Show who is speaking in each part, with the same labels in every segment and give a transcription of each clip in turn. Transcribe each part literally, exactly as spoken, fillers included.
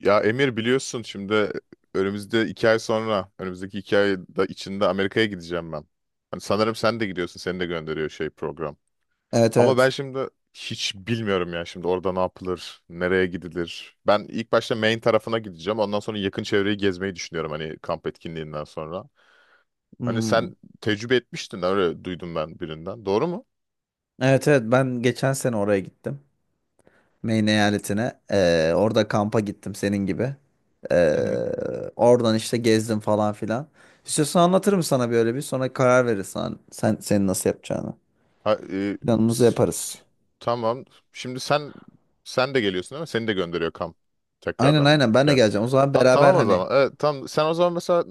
Speaker 1: Ya Emir biliyorsun şimdi önümüzde iki ay sonra, önümüzdeki iki ay da içinde Amerika'ya gideceğim ben. Hani sanırım sen de gidiyorsun, seni de gönderiyor şey program.
Speaker 2: Evet
Speaker 1: Ama ben
Speaker 2: evet.
Speaker 1: şimdi hiç bilmiyorum ya şimdi orada ne yapılır, nereye gidilir. Ben ilk başta Maine tarafına gideceğim. Ondan sonra yakın çevreyi gezmeyi düşünüyorum hani kamp etkinliğinden sonra. Hani
Speaker 2: Hmm.
Speaker 1: sen tecrübe etmiştin öyle duydum ben birinden. Doğru mu?
Speaker 2: Evet evet ben geçen sene oraya gittim. Maine eyaletine. Ee, orada kampa gittim senin gibi. Ee, oradan işte gezdim falan filan. İstiyorsan anlatırım sana böyle bir sonra karar verirsen sen senin nasıl yapacağını.
Speaker 1: Ha, e,
Speaker 2: Planımızı
Speaker 1: s-
Speaker 2: yaparız.
Speaker 1: tamam. Şimdi sen sen de geliyorsun değil mi? Seni de gönderiyor kamp.
Speaker 2: Aynen
Speaker 1: Tekrardan
Speaker 2: aynen ben de
Speaker 1: gel.
Speaker 2: geleceğim. O zaman
Speaker 1: Ha,
Speaker 2: beraber
Speaker 1: tamam o
Speaker 2: hani
Speaker 1: zaman. Evet, tamam. Sen o zaman mesela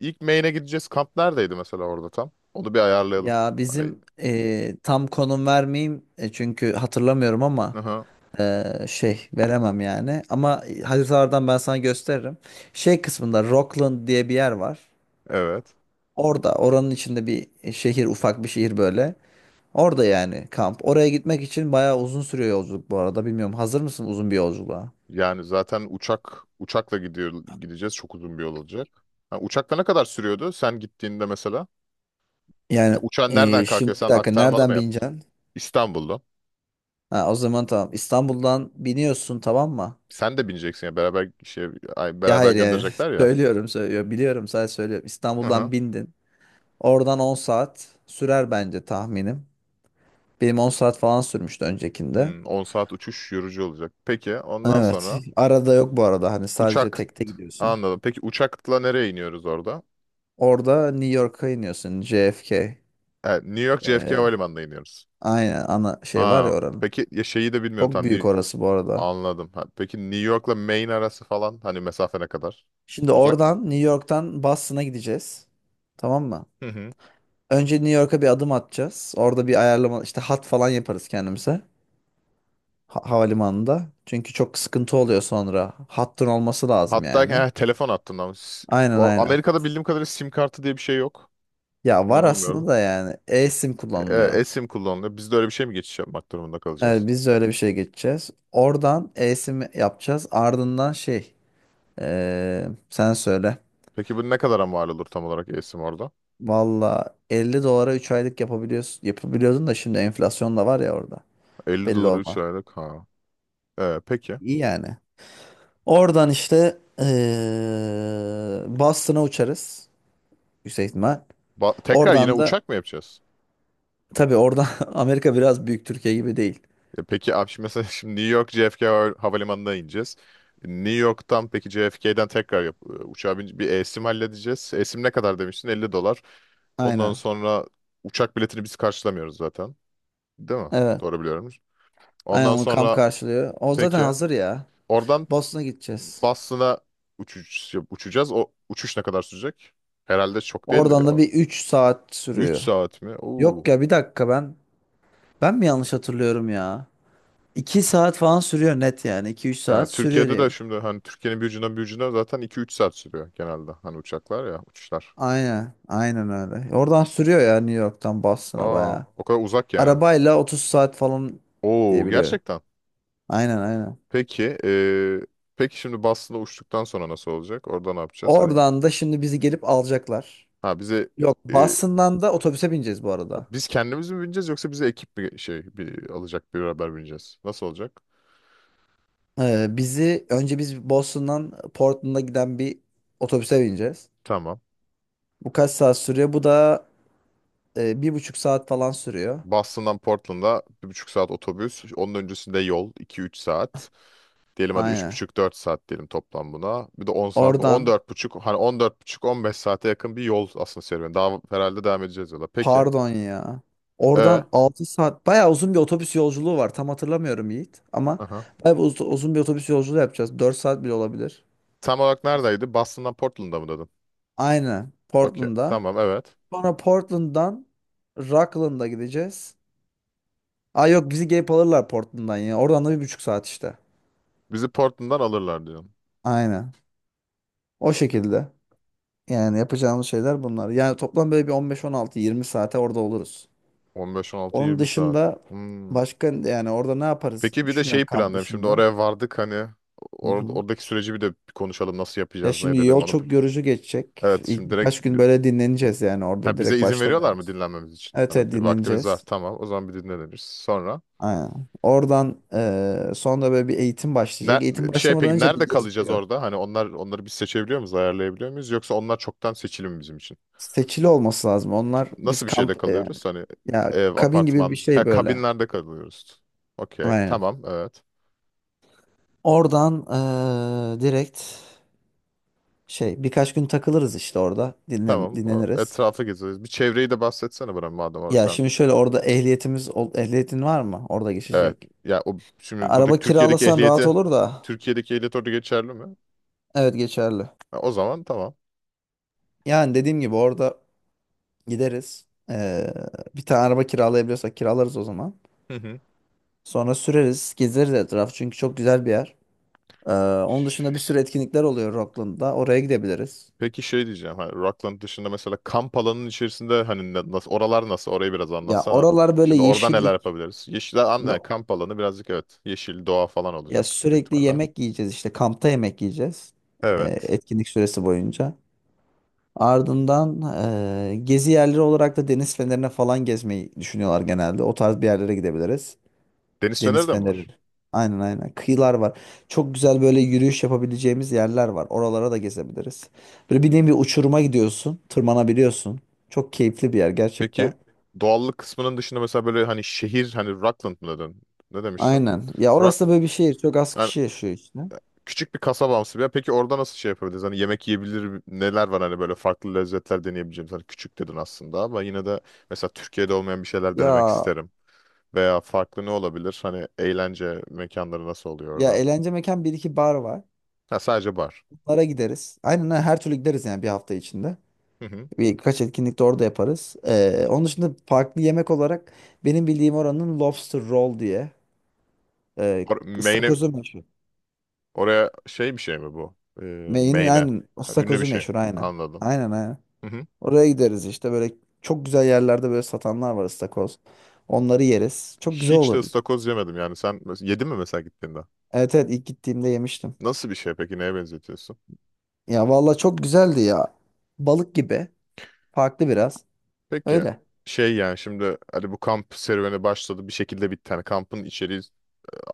Speaker 1: ilk Maine'e gideceğiz. Kamp neredeydi mesela orada tam? Onu bir ayarlayalım.
Speaker 2: ya
Speaker 1: Hani
Speaker 2: bizim ee, tam konum vermeyeyim e, çünkü hatırlamıyorum ama
Speaker 1: aha,
Speaker 2: ee, şey veremem yani. Ama haritalardan ben sana gösteririm. Şey kısmında Rockland diye bir yer var.
Speaker 1: evet.
Speaker 2: Orada oranın içinde bir şehir ufak bir şehir böyle. Orada yani kamp. Oraya gitmek için bayağı uzun sürüyor yolculuk bu arada. Bilmiyorum hazır mısın uzun bir yolculuğa?
Speaker 1: Yani zaten uçak uçakla gidiyor gideceğiz. Çok uzun bir yol olacak. Ha, uçakla ne kadar sürüyordu sen gittiğinde mesela? Ya,
Speaker 2: Yani
Speaker 1: uçağın nereden
Speaker 2: e,
Speaker 1: kalkıyor?
Speaker 2: şimdi bir
Speaker 1: Sen
Speaker 2: dakika
Speaker 1: aktarmalı mı
Speaker 2: nereden
Speaker 1: yaptın?
Speaker 2: bineceksin?
Speaker 1: İstanbul'da.
Speaker 2: Ha, o zaman tamam İstanbul'dan biniyorsun tamam mı?
Speaker 1: Sen de bineceksin ya beraber şey ay,
Speaker 2: Ya
Speaker 1: beraber
Speaker 2: hayır yani
Speaker 1: gönderecekler ya.
Speaker 2: söylüyorum söylüyorum biliyorum sadece söylüyorum. İstanbul'dan bindin. Oradan on saat sürer bence tahminim. Benim on saat falan sürmüştü öncekinde.
Speaker 1: Hmm, on saat uçuş yorucu olacak. Peki ondan
Speaker 2: Evet,
Speaker 1: sonra
Speaker 2: arada yok bu arada, hani sadece
Speaker 1: uçak
Speaker 2: tekte gidiyorsun.
Speaker 1: anladım. Peki uçakla nereye iniyoruz orada?
Speaker 2: Orada New York'a iniyorsun J F K.
Speaker 1: Evet, New York J F K
Speaker 2: Ee,
Speaker 1: Havalimanı'na iniyoruz.
Speaker 2: aynen ana şey var ya
Speaker 1: Ha,
Speaker 2: oranın.
Speaker 1: peki ya şeyi de bilmiyorum
Speaker 2: Çok
Speaker 1: tam
Speaker 2: büyük
Speaker 1: New-
Speaker 2: orası bu arada.
Speaker 1: anladım. Ha, peki New York'la Maine arası falan hani mesafe ne kadar?
Speaker 2: Şimdi
Speaker 1: Uzak mı?
Speaker 2: oradan New York'tan Boston'a gideceğiz. Tamam mı?
Speaker 1: Hı hı.
Speaker 2: Önce New York'a bir adım atacağız. Orada bir ayarlama işte hat falan yaparız kendimize. Ha- havalimanında. Çünkü çok sıkıntı oluyor sonra. Hattın olması lazım
Speaker 1: Hatta
Speaker 2: yani.
Speaker 1: eh, telefon hattından. Ama s-
Speaker 2: Aynen
Speaker 1: o
Speaker 2: aynen.
Speaker 1: Amerika'da bildiğim kadarıyla sim kartı diye bir şey yok.
Speaker 2: Ya var
Speaker 1: Kullanılmıyordu.
Speaker 2: aslında da yani eSIM
Speaker 1: E,
Speaker 2: kullanılıyor.
Speaker 1: eSIM kullanılıyor. Biz de öyle bir şey mi geçiş yapmak durumunda kalacağız?
Speaker 2: Evet, biz de öyle bir şey geçeceğiz. Oradan eSIM yapacağız. Ardından şey ee, sen söyle.
Speaker 1: Peki bu ne kadara mal olur tam olarak eSIM orada?
Speaker 2: Valla elli dolara üç aylık yapabiliyorsun, yapabiliyordun da şimdi enflasyon da var ya orada.
Speaker 1: Elli
Speaker 2: Belli
Speaker 1: dolar üç
Speaker 2: olma.
Speaker 1: aylık. Ha. Ee, peki.
Speaker 2: İyi yani. Oradan işte eee Boston'a uçarız. Yüksek ihtimal.
Speaker 1: Ba- tekrar yine
Speaker 2: Oradan da
Speaker 1: uçak mı yapacağız?
Speaker 2: tabii oradan Amerika biraz büyük, Türkiye gibi değil.
Speaker 1: E, peki abi şimdi mesela şimdi New York J F K hava- havalimanına ineceğiz. E, New York'tan peki J F K'den tekrar yap e, uçağa bin bir esim halledeceğiz. Esim ne kadar demiştin? elli dolar. Ondan
Speaker 2: Aynen.
Speaker 1: sonra uçak biletini biz karşılamıyoruz zaten. Değil mi?
Speaker 2: Evet.
Speaker 1: Doğru biliyorum.
Speaker 2: Aynen,
Speaker 1: Ondan
Speaker 2: onu kamp
Speaker 1: sonra
Speaker 2: karşılıyor. O zaten
Speaker 1: peki
Speaker 2: hazır ya.
Speaker 1: oradan
Speaker 2: Boston'a gideceğiz.
Speaker 1: Boston'a uçuş, uçacağız. O uçuş ne kadar sürecek? Herhalde çok değildir
Speaker 2: Oradan da
Speaker 1: ya.
Speaker 2: bir üç saat
Speaker 1: Üç
Speaker 2: sürüyor.
Speaker 1: saat mi?
Speaker 2: Yok
Speaker 1: Oo.
Speaker 2: ya bir dakika, ben ben mi yanlış hatırlıyorum ya? iki saat falan sürüyor net yani. iki üç
Speaker 1: Yani
Speaker 2: saat sürüyor
Speaker 1: Türkiye'de
Speaker 2: diye.
Speaker 1: de şimdi hani Türkiye'nin bir ucundan bir ucuna zaten iki üç saat sürüyor genelde. Hani uçaklar ya uçuşlar.
Speaker 2: Aynen. Aynen öyle. Oradan sürüyor ya, New York'tan Boston'a
Speaker 1: Aa,
Speaker 2: bayağı.
Speaker 1: o kadar uzak yani.
Speaker 2: Arabayla otuz saat falan diye
Speaker 1: Oo,
Speaker 2: biliyorum.
Speaker 1: gerçekten.
Speaker 2: Aynen aynen.
Speaker 1: Peki eee, peki şimdi Boston'a uçtuktan sonra nasıl olacak? Orada ne yapacağız? Hani biz,
Speaker 2: Oradan da şimdi bizi gelip alacaklar.
Speaker 1: ha bize
Speaker 2: Yok,
Speaker 1: eee,
Speaker 2: Boston'dan da otobüse bineceğiz bu
Speaker 1: ha,
Speaker 2: arada.
Speaker 1: biz kendimiz mi bineceğiz yoksa bize ekip bir şey bir, alacak bir haber bineceğiz? Nasıl olacak?
Speaker 2: Ee, bizi önce biz Boston'dan Portland'a giden bir otobüse bineceğiz.
Speaker 1: Tamam.
Speaker 2: Bu kaç saat sürüyor? Bu da e, bir buçuk saat falan sürüyor.
Speaker 1: Boston'dan Portland'a bir buçuk saat otobüs. Onun öncesinde yol iki üç saat. Diyelim hadi üç
Speaker 2: Aynen.
Speaker 1: buçuk dört saat diyelim toplam buna. Bir de on saat. on
Speaker 2: Oradan
Speaker 1: dört buçuk, hani on dört buçuk on beş saate yakın bir yol aslında serüveni. Daha herhalde devam edeceğiz yola. Peki.
Speaker 2: Pardon ya.
Speaker 1: E,
Speaker 2: Oradan altı saat bayağı uzun bir otobüs yolculuğu var. Tam hatırlamıyorum Yiğit ama
Speaker 1: aha.
Speaker 2: bayağı bir uz- uzun bir otobüs yolculuğu yapacağız. Dört saat bile olabilir.
Speaker 1: Tam olarak neredeydi? Boston'dan Portland'a mı dedin?
Speaker 2: Aynen.
Speaker 1: Okey.
Speaker 2: Portland'a.
Speaker 1: Tamam, evet.
Speaker 2: Sonra Portland'dan Rockland'a gideceğiz. Aa, yok, bizi gelip alırlar Portland'dan ya. Oradan da bir buçuk saat işte.
Speaker 1: Bizi Portland'dan alırlar diyorsun.
Speaker 2: Aynen. O şekilde. Yani yapacağımız şeyler bunlar. Yani toplam böyle bir on beş on altı yirmi saate orada oluruz.
Speaker 1: on beş on altı,
Speaker 2: Onun
Speaker 1: yirmi saat.
Speaker 2: dışında
Speaker 1: Hmm.
Speaker 2: başka yani orada ne yaparız
Speaker 1: Peki bir de
Speaker 2: düşünüyorum
Speaker 1: şeyi
Speaker 2: kamp
Speaker 1: planlayalım. Şimdi
Speaker 2: dışında.
Speaker 1: oraya vardık hani
Speaker 2: Hı
Speaker 1: or-
Speaker 2: hı.
Speaker 1: oradaki süreci bir de bir konuşalım. Nasıl
Speaker 2: Ya
Speaker 1: yapacağız, ne
Speaker 2: şimdi
Speaker 1: edelim
Speaker 2: yol
Speaker 1: onu. plan-
Speaker 2: çok yorucu geçecek.
Speaker 1: Evet
Speaker 2: İlk
Speaker 1: şimdi direkt
Speaker 2: birkaç gün
Speaker 1: bir-
Speaker 2: böyle dinleneceğiz, yani orada
Speaker 1: ha, bize
Speaker 2: direkt
Speaker 1: izin veriyorlar mı
Speaker 2: başlamıyoruz.
Speaker 1: dinlenmemiz için?
Speaker 2: Evet,
Speaker 1: Hani
Speaker 2: evet,
Speaker 1: bir vaktimiz var
Speaker 2: dinleneceğiz.
Speaker 1: tamam. O zaman bir dinleniriz. Sonra
Speaker 2: Aynen. Oradan eee sonra böyle bir eğitim
Speaker 1: Ne,
Speaker 2: başlayacak. Eğitim
Speaker 1: şey
Speaker 2: başlamadan
Speaker 1: peki
Speaker 2: önce bir
Speaker 1: nerede kalacağız
Speaker 2: gezdiriyor.
Speaker 1: orada? Hani onlar onları biz seçebiliyor muyuz, ayarlayabiliyor muyuz? Yoksa onlar çoktan seçili mi bizim için?
Speaker 2: Seçili olması lazım. Onlar biz
Speaker 1: Nasıl bir şeyde
Speaker 2: kamp yani
Speaker 1: kalıyoruz? Hani
Speaker 2: ya
Speaker 1: ev,
Speaker 2: kabin gibi bir
Speaker 1: apartman, ha,
Speaker 2: şey böyle.
Speaker 1: kabinlerde kalıyoruz. Okey,
Speaker 2: Aynen.
Speaker 1: tamam, evet.
Speaker 2: Oradan eee, direkt şey birkaç gün takılırız işte orada dinlen
Speaker 1: Tamam, o
Speaker 2: dinleniriz.
Speaker 1: etrafı gezeriz. Bir çevreyi de bahsetsene bana madem orada
Speaker 2: Ya
Speaker 1: sen.
Speaker 2: şimdi şöyle orada ehliyetimiz ol- ehliyetin var mı? Orada
Speaker 1: Evet,
Speaker 2: geçecek.
Speaker 1: ya o şimdi
Speaker 2: Araba
Speaker 1: buradaki Türkiye'deki
Speaker 2: kiralasan rahat
Speaker 1: ehliyeti,
Speaker 2: olur da
Speaker 1: Türkiye'deki ehliyet orada geçerli mi?
Speaker 2: evet geçerli.
Speaker 1: Ha, o zaman tamam.
Speaker 2: Yani dediğim gibi orada gideriz. Ee, bir tane araba kiralayabiliyorsak kiralarız o zaman.
Speaker 1: Hı hı.
Speaker 2: Sonra süreriz, gezeriz etraf, çünkü çok güzel bir yer. Ee, onun dışında bir sürü etkinlikler oluyor Rockland'da. Oraya gidebiliriz.
Speaker 1: Peki şey diyeceğim. Hani Rockland dışında mesela kamp alanının içerisinde hani ne- nasıl oralar nasıl? Orayı biraz
Speaker 2: Ya
Speaker 1: anlatsana.
Speaker 2: oralar böyle
Speaker 1: Şimdi orada neler
Speaker 2: yeşillik.
Speaker 1: yapabiliriz? Yeşil alan,
Speaker 2: Şimdi
Speaker 1: yani kamp alanı birazcık evet. Yeşil doğa falan
Speaker 2: ya
Speaker 1: olacak büyük
Speaker 2: sürekli
Speaker 1: ihtimalle.
Speaker 2: yemek yiyeceğiz, işte kampta yemek yiyeceğiz. Ee,
Speaker 1: Evet.
Speaker 2: etkinlik süresi boyunca. Ardından ee, gezi yerleri olarak da deniz fenerine falan gezmeyi düşünüyorlar genelde. O tarz bir yerlere gidebiliriz.
Speaker 1: Deniz feneri
Speaker 2: Deniz
Speaker 1: de mi
Speaker 2: feneri.
Speaker 1: var?
Speaker 2: Aynen aynen. Kıyılar var. Çok güzel böyle yürüyüş yapabileceğimiz yerler var. Oralara da gezebiliriz. Böyle bir nevi uçuruma gidiyorsun. Tırmanabiliyorsun. Çok keyifli bir yer
Speaker 1: Peki
Speaker 2: gerçekten.
Speaker 1: doğallık kısmının dışında mesela böyle hani şehir hani Rockland mı dedin? Ne demiştin?
Speaker 2: Aynen. Ya orası da
Speaker 1: Rockland.
Speaker 2: böyle bir şehir. Çok az
Speaker 1: Yani
Speaker 2: kişi yaşıyor işte.
Speaker 1: küçük bir kasabamsı bir yer. Peki orada nasıl şey yapabiliriz? Hani yemek yiyebilir neler var hani böyle farklı lezzetler deneyebileceğimiz. Hani küçük dedin aslında ama yine de mesela Türkiye'de olmayan bir şeyler denemek
Speaker 2: Ya
Speaker 1: isterim. Veya farklı ne olabilir? Hani eğlence mekanları nasıl oluyor
Speaker 2: ya
Speaker 1: orada?
Speaker 2: eğlence mekan bir iki bar var.
Speaker 1: Ha, sadece bar.
Speaker 2: Bunlara gideriz. Aynen aynen. Her türlü gideriz yani bir hafta içinde.
Speaker 1: Hı hı.
Speaker 2: Birkaç etkinlik de orada yaparız. Ee, onun dışında farklı yemek olarak benim bildiğim oranın lobster roll diye e,
Speaker 1: Or main'e
Speaker 2: ıstakozu meşhur.
Speaker 1: oraya şey bir şey mi bu? Ee,
Speaker 2: Meyinin
Speaker 1: main'e.
Speaker 2: aynen.
Speaker 1: Ha, ünlü bir
Speaker 2: Istakozu
Speaker 1: şey.
Speaker 2: meşhur aynen.
Speaker 1: Anladım.
Speaker 2: Aynen aynen.
Speaker 1: Hı hı.
Speaker 2: Oraya gideriz işte böyle çok güzel yerlerde böyle satanlar var ıstakoz. Onları yeriz. Çok güzel
Speaker 1: Hiç de
Speaker 2: olur.
Speaker 1: ıstakoz yemedim yani. Sen mes- yedin mi mesela gittiğinde?
Speaker 2: Evet evet ilk gittiğimde yemiştim.
Speaker 1: Nasıl bir şey peki? Neye benzetiyorsun?
Speaker 2: Ya valla çok güzeldi ya. Balık gibi. Farklı biraz.
Speaker 1: Peki
Speaker 2: Öyle.
Speaker 1: şey yani şimdi hani bu kamp serüveni başladı bir şekilde bitti. Hani kampın içeriği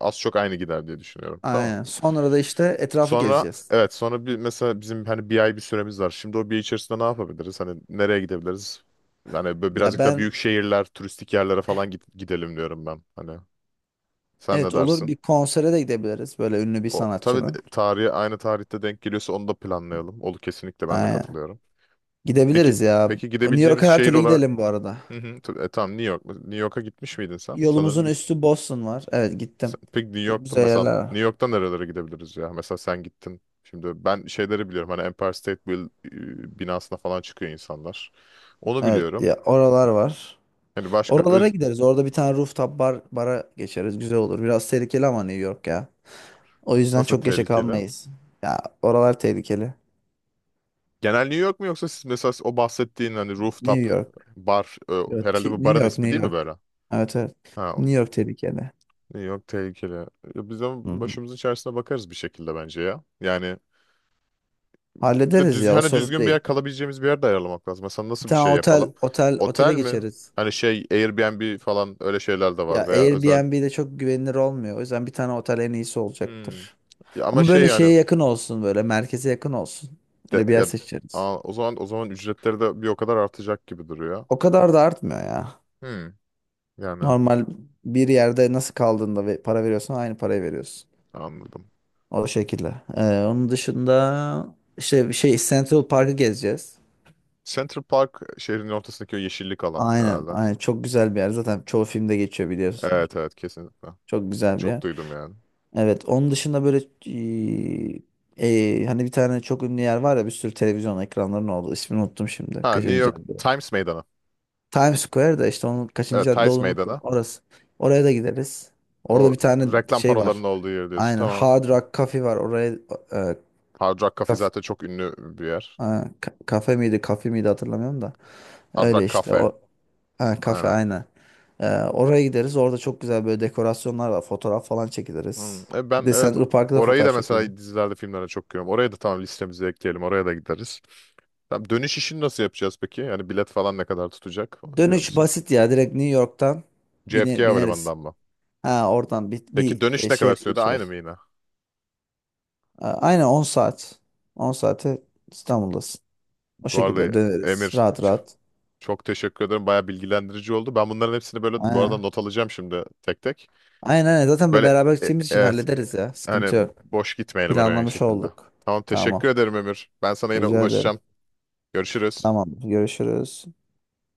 Speaker 1: az çok aynı gider diye düşünüyorum. Tamam.
Speaker 2: Aynen. Sonra da işte etrafı
Speaker 1: Sonra
Speaker 2: gezeceğiz.
Speaker 1: evet sonra bir mesela bizim hani bir ay bir süremiz var. Şimdi o bir ay içerisinde ne yapabiliriz? Hani nereye gidebiliriz? Hani böyle
Speaker 2: Ya
Speaker 1: birazcık da
Speaker 2: ben,
Speaker 1: büyük şehirler, turistik yerlere falan git- gidelim diyorum ben. Hani sen ne
Speaker 2: evet, olur,
Speaker 1: dersin?
Speaker 2: bir konsere de gidebiliriz. Böyle ünlü bir
Speaker 1: O tabii
Speaker 2: sanatçının.
Speaker 1: de- tarihi aynı tarihte denk geliyorsa onu da planlayalım. Olur kesinlikle, ben de
Speaker 2: Aynen.
Speaker 1: katılıyorum. Peki,
Speaker 2: Gidebiliriz ya.
Speaker 1: peki
Speaker 2: O, New York'a
Speaker 1: gidebileceğimiz
Speaker 2: her
Speaker 1: şehir
Speaker 2: türlü
Speaker 1: olarak.
Speaker 2: gidelim bu arada.
Speaker 1: Hı hı, t- e, tamam, New York mu? New York'a gitmiş miydin sen? Sanırım.
Speaker 2: Yolumuzun üstü Boston var. Evet gittim.
Speaker 1: Sen- Peki New
Speaker 2: Çok
Speaker 1: York'ta
Speaker 2: güzel
Speaker 1: mesela
Speaker 2: yerler
Speaker 1: New
Speaker 2: var.
Speaker 1: York'ta nerelere gidebiliriz ya? Mesela sen gittin. Şimdi ben şeyleri biliyorum. Hani Empire State Build e, binasına falan çıkıyor insanlar. Onu
Speaker 2: Evet,
Speaker 1: biliyorum.
Speaker 2: ya oralar var.
Speaker 1: Hani başka
Speaker 2: Oralara
Speaker 1: öz
Speaker 2: gideriz. Orada bir tane rooftop bar bara geçeriz. Güzel olur. Biraz tehlikeli ama New York ya. O yüzden
Speaker 1: nasıl
Speaker 2: çok geçe
Speaker 1: tehlikeli?
Speaker 2: kalmayız. Ya, oralar tehlikeli.
Speaker 1: Genel New York mu yoksa siz mesela o bahsettiğin hani
Speaker 2: New
Speaker 1: rooftop
Speaker 2: York.
Speaker 1: bar e,
Speaker 2: Yo,
Speaker 1: herhalde
Speaker 2: T-
Speaker 1: bu
Speaker 2: New
Speaker 1: barın
Speaker 2: York,
Speaker 1: ismi
Speaker 2: New
Speaker 1: değil mi böyle?
Speaker 2: York. Evet evet.
Speaker 1: Ha,
Speaker 2: New York tehlikeli.
Speaker 1: New York tehlikeli. Ya, biz de
Speaker 2: Hı hı.
Speaker 1: başımızın içerisine bakarız bir şekilde bence ya. Yani bir de
Speaker 2: Hallederiz
Speaker 1: düzgün,
Speaker 2: ya, o
Speaker 1: hani
Speaker 2: sorun
Speaker 1: düzgün bir
Speaker 2: değil.
Speaker 1: yer kalabileceğimiz bir yer de ayarlamak lazım. Mesela
Speaker 2: Bir
Speaker 1: nasıl bir
Speaker 2: tane
Speaker 1: şey
Speaker 2: otel
Speaker 1: yapalım?
Speaker 2: otel
Speaker 1: Otel
Speaker 2: otele
Speaker 1: mi?
Speaker 2: geçeriz.
Speaker 1: Hani şey Airbnb falan öyle şeyler de
Speaker 2: Ya
Speaker 1: var veya özel.
Speaker 2: Airbnb'de çok güvenilir olmuyor. O yüzden bir tane otel en iyisi
Speaker 1: Hmm.
Speaker 2: olacaktır.
Speaker 1: Ya ama
Speaker 2: Ama
Speaker 1: şey
Speaker 2: böyle
Speaker 1: yani
Speaker 2: şeye yakın olsun, böyle merkeze yakın olsun.
Speaker 1: de,
Speaker 2: Öyle bir yer
Speaker 1: ya
Speaker 2: seçeriz.
Speaker 1: aa, o zaman o zaman ücretleri de bir o kadar artacak gibi duruyor.
Speaker 2: O kadar da artmıyor ya.
Speaker 1: Hmm. Yani
Speaker 2: Normal bir yerde nasıl kaldığında ve para veriyorsan aynı parayı veriyorsun.
Speaker 1: anladım.
Speaker 2: O şekilde. Ee, onun dışında işte bir şey Central Park'ı gezeceğiz.
Speaker 1: Central Park şehrin ortasındaki o yeşillik alan
Speaker 2: Aynen,
Speaker 1: herhalde.
Speaker 2: aynen, çok güzel bir yer. Zaten çoğu filmde geçiyor, biliyorsunuz.
Speaker 1: Evet, evet, kesinlikle.
Speaker 2: Çok güzel bir yer.
Speaker 1: Çok duydum yani.
Speaker 2: Evet, onun dışında böyle e, e, hani bir tane çok ünlü yer var ya, bir sürü televizyon ekranlarının olduğu. İsmini unuttum şimdi.
Speaker 1: Ha, New
Speaker 2: Kaçıncı
Speaker 1: York
Speaker 2: cadde?
Speaker 1: Times Meydanı.
Speaker 2: Times Square da işte, onun kaçıncı
Speaker 1: Evet,
Speaker 2: cadde
Speaker 1: Times
Speaker 2: olduğunu unuttum.
Speaker 1: Meydanı.
Speaker 2: Orası. Oraya da gideriz. Orada
Speaker 1: O
Speaker 2: bir tane
Speaker 1: reklam
Speaker 2: şey
Speaker 1: panolarının
Speaker 2: var.
Speaker 1: olduğu yer diyorsun.
Speaker 2: Aynen,
Speaker 1: Tamam.
Speaker 2: Hard Rock Cafe var. Oraya e,
Speaker 1: Hard Rock Cafe
Speaker 2: kaf,
Speaker 1: zaten çok ünlü bir yer.
Speaker 2: e, ka- kafe miydi, kafe miydi, hatırlamıyorum da.
Speaker 1: Hard
Speaker 2: Öyle
Speaker 1: Rock
Speaker 2: işte
Speaker 1: Cafe.
Speaker 2: o, ha, kafe
Speaker 1: Aynen.
Speaker 2: aynen. E, oraya gideriz. Orada çok güzel böyle dekorasyonlar var. Fotoğraf falan
Speaker 1: Hmm.
Speaker 2: çekiliriz.
Speaker 1: E
Speaker 2: Bir
Speaker 1: ben
Speaker 2: de
Speaker 1: evet
Speaker 2: Central Park'ta da
Speaker 1: orayı
Speaker 2: fotoğraf
Speaker 1: da
Speaker 2: çekilirim.
Speaker 1: mesela dizilerde filmlerde çok görüyorum. Oraya da tamam, listemize ekleyelim. Oraya da gideriz. Tamam, dönüş işini nasıl yapacağız peki? Yani bilet falan ne kadar tutacak? Onu biliyor
Speaker 2: Dönüş
Speaker 1: musun?
Speaker 2: basit ya. Direkt New York'tan
Speaker 1: J F K
Speaker 2: bine, bineriz.
Speaker 1: Havalimanı'ndan mı?
Speaker 2: Ha, oradan bir,
Speaker 1: Peki
Speaker 2: bir e,
Speaker 1: dönüş ne kadar
Speaker 2: şeyle
Speaker 1: sürede? Aynı mı
Speaker 2: geçiyoruz.
Speaker 1: yine?
Speaker 2: A- Aynen on saat. On saate İstanbul'dasın. O
Speaker 1: Bu arada
Speaker 2: şekilde döneriz.
Speaker 1: Emir,
Speaker 2: Rahat
Speaker 1: ç-
Speaker 2: rahat.
Speaker 1: çok teşekkür ederim. Baya bilgilendirici oldu. Ben bunların hepsini böyle bu arada
Speaker 2: Aynen.
Speaker 1: not alacağım şimdi tek tek.
Speaker 2: Aynen aynen. Zaten be-
Speaker 1: Böyle
Speaker 2: beraber
Speaker 1: e- e,
Speaker 2: gideceğimiz için
Speaker 1: evet, e,
Speaker 2: hallederiz ya. Sıkıntı
Speaker 1: hani
Speaker 2: yok.
Speaker 1: boş gitmeyelim oraya aynı
Speaker 2: Planlamış
Speaker 1: şekilde.
Speaker 2: olduk.
Speaker 1: Tamam, teşekkür
Speaker 2: Tamam.
Speaker 1: ederim Emir. Ben sana yine
Speaker 2: Rica ederim.
Speaker 1: ulaşacağım. Görüşürüz.
Speaker 2: Tamam. Görüşürüz.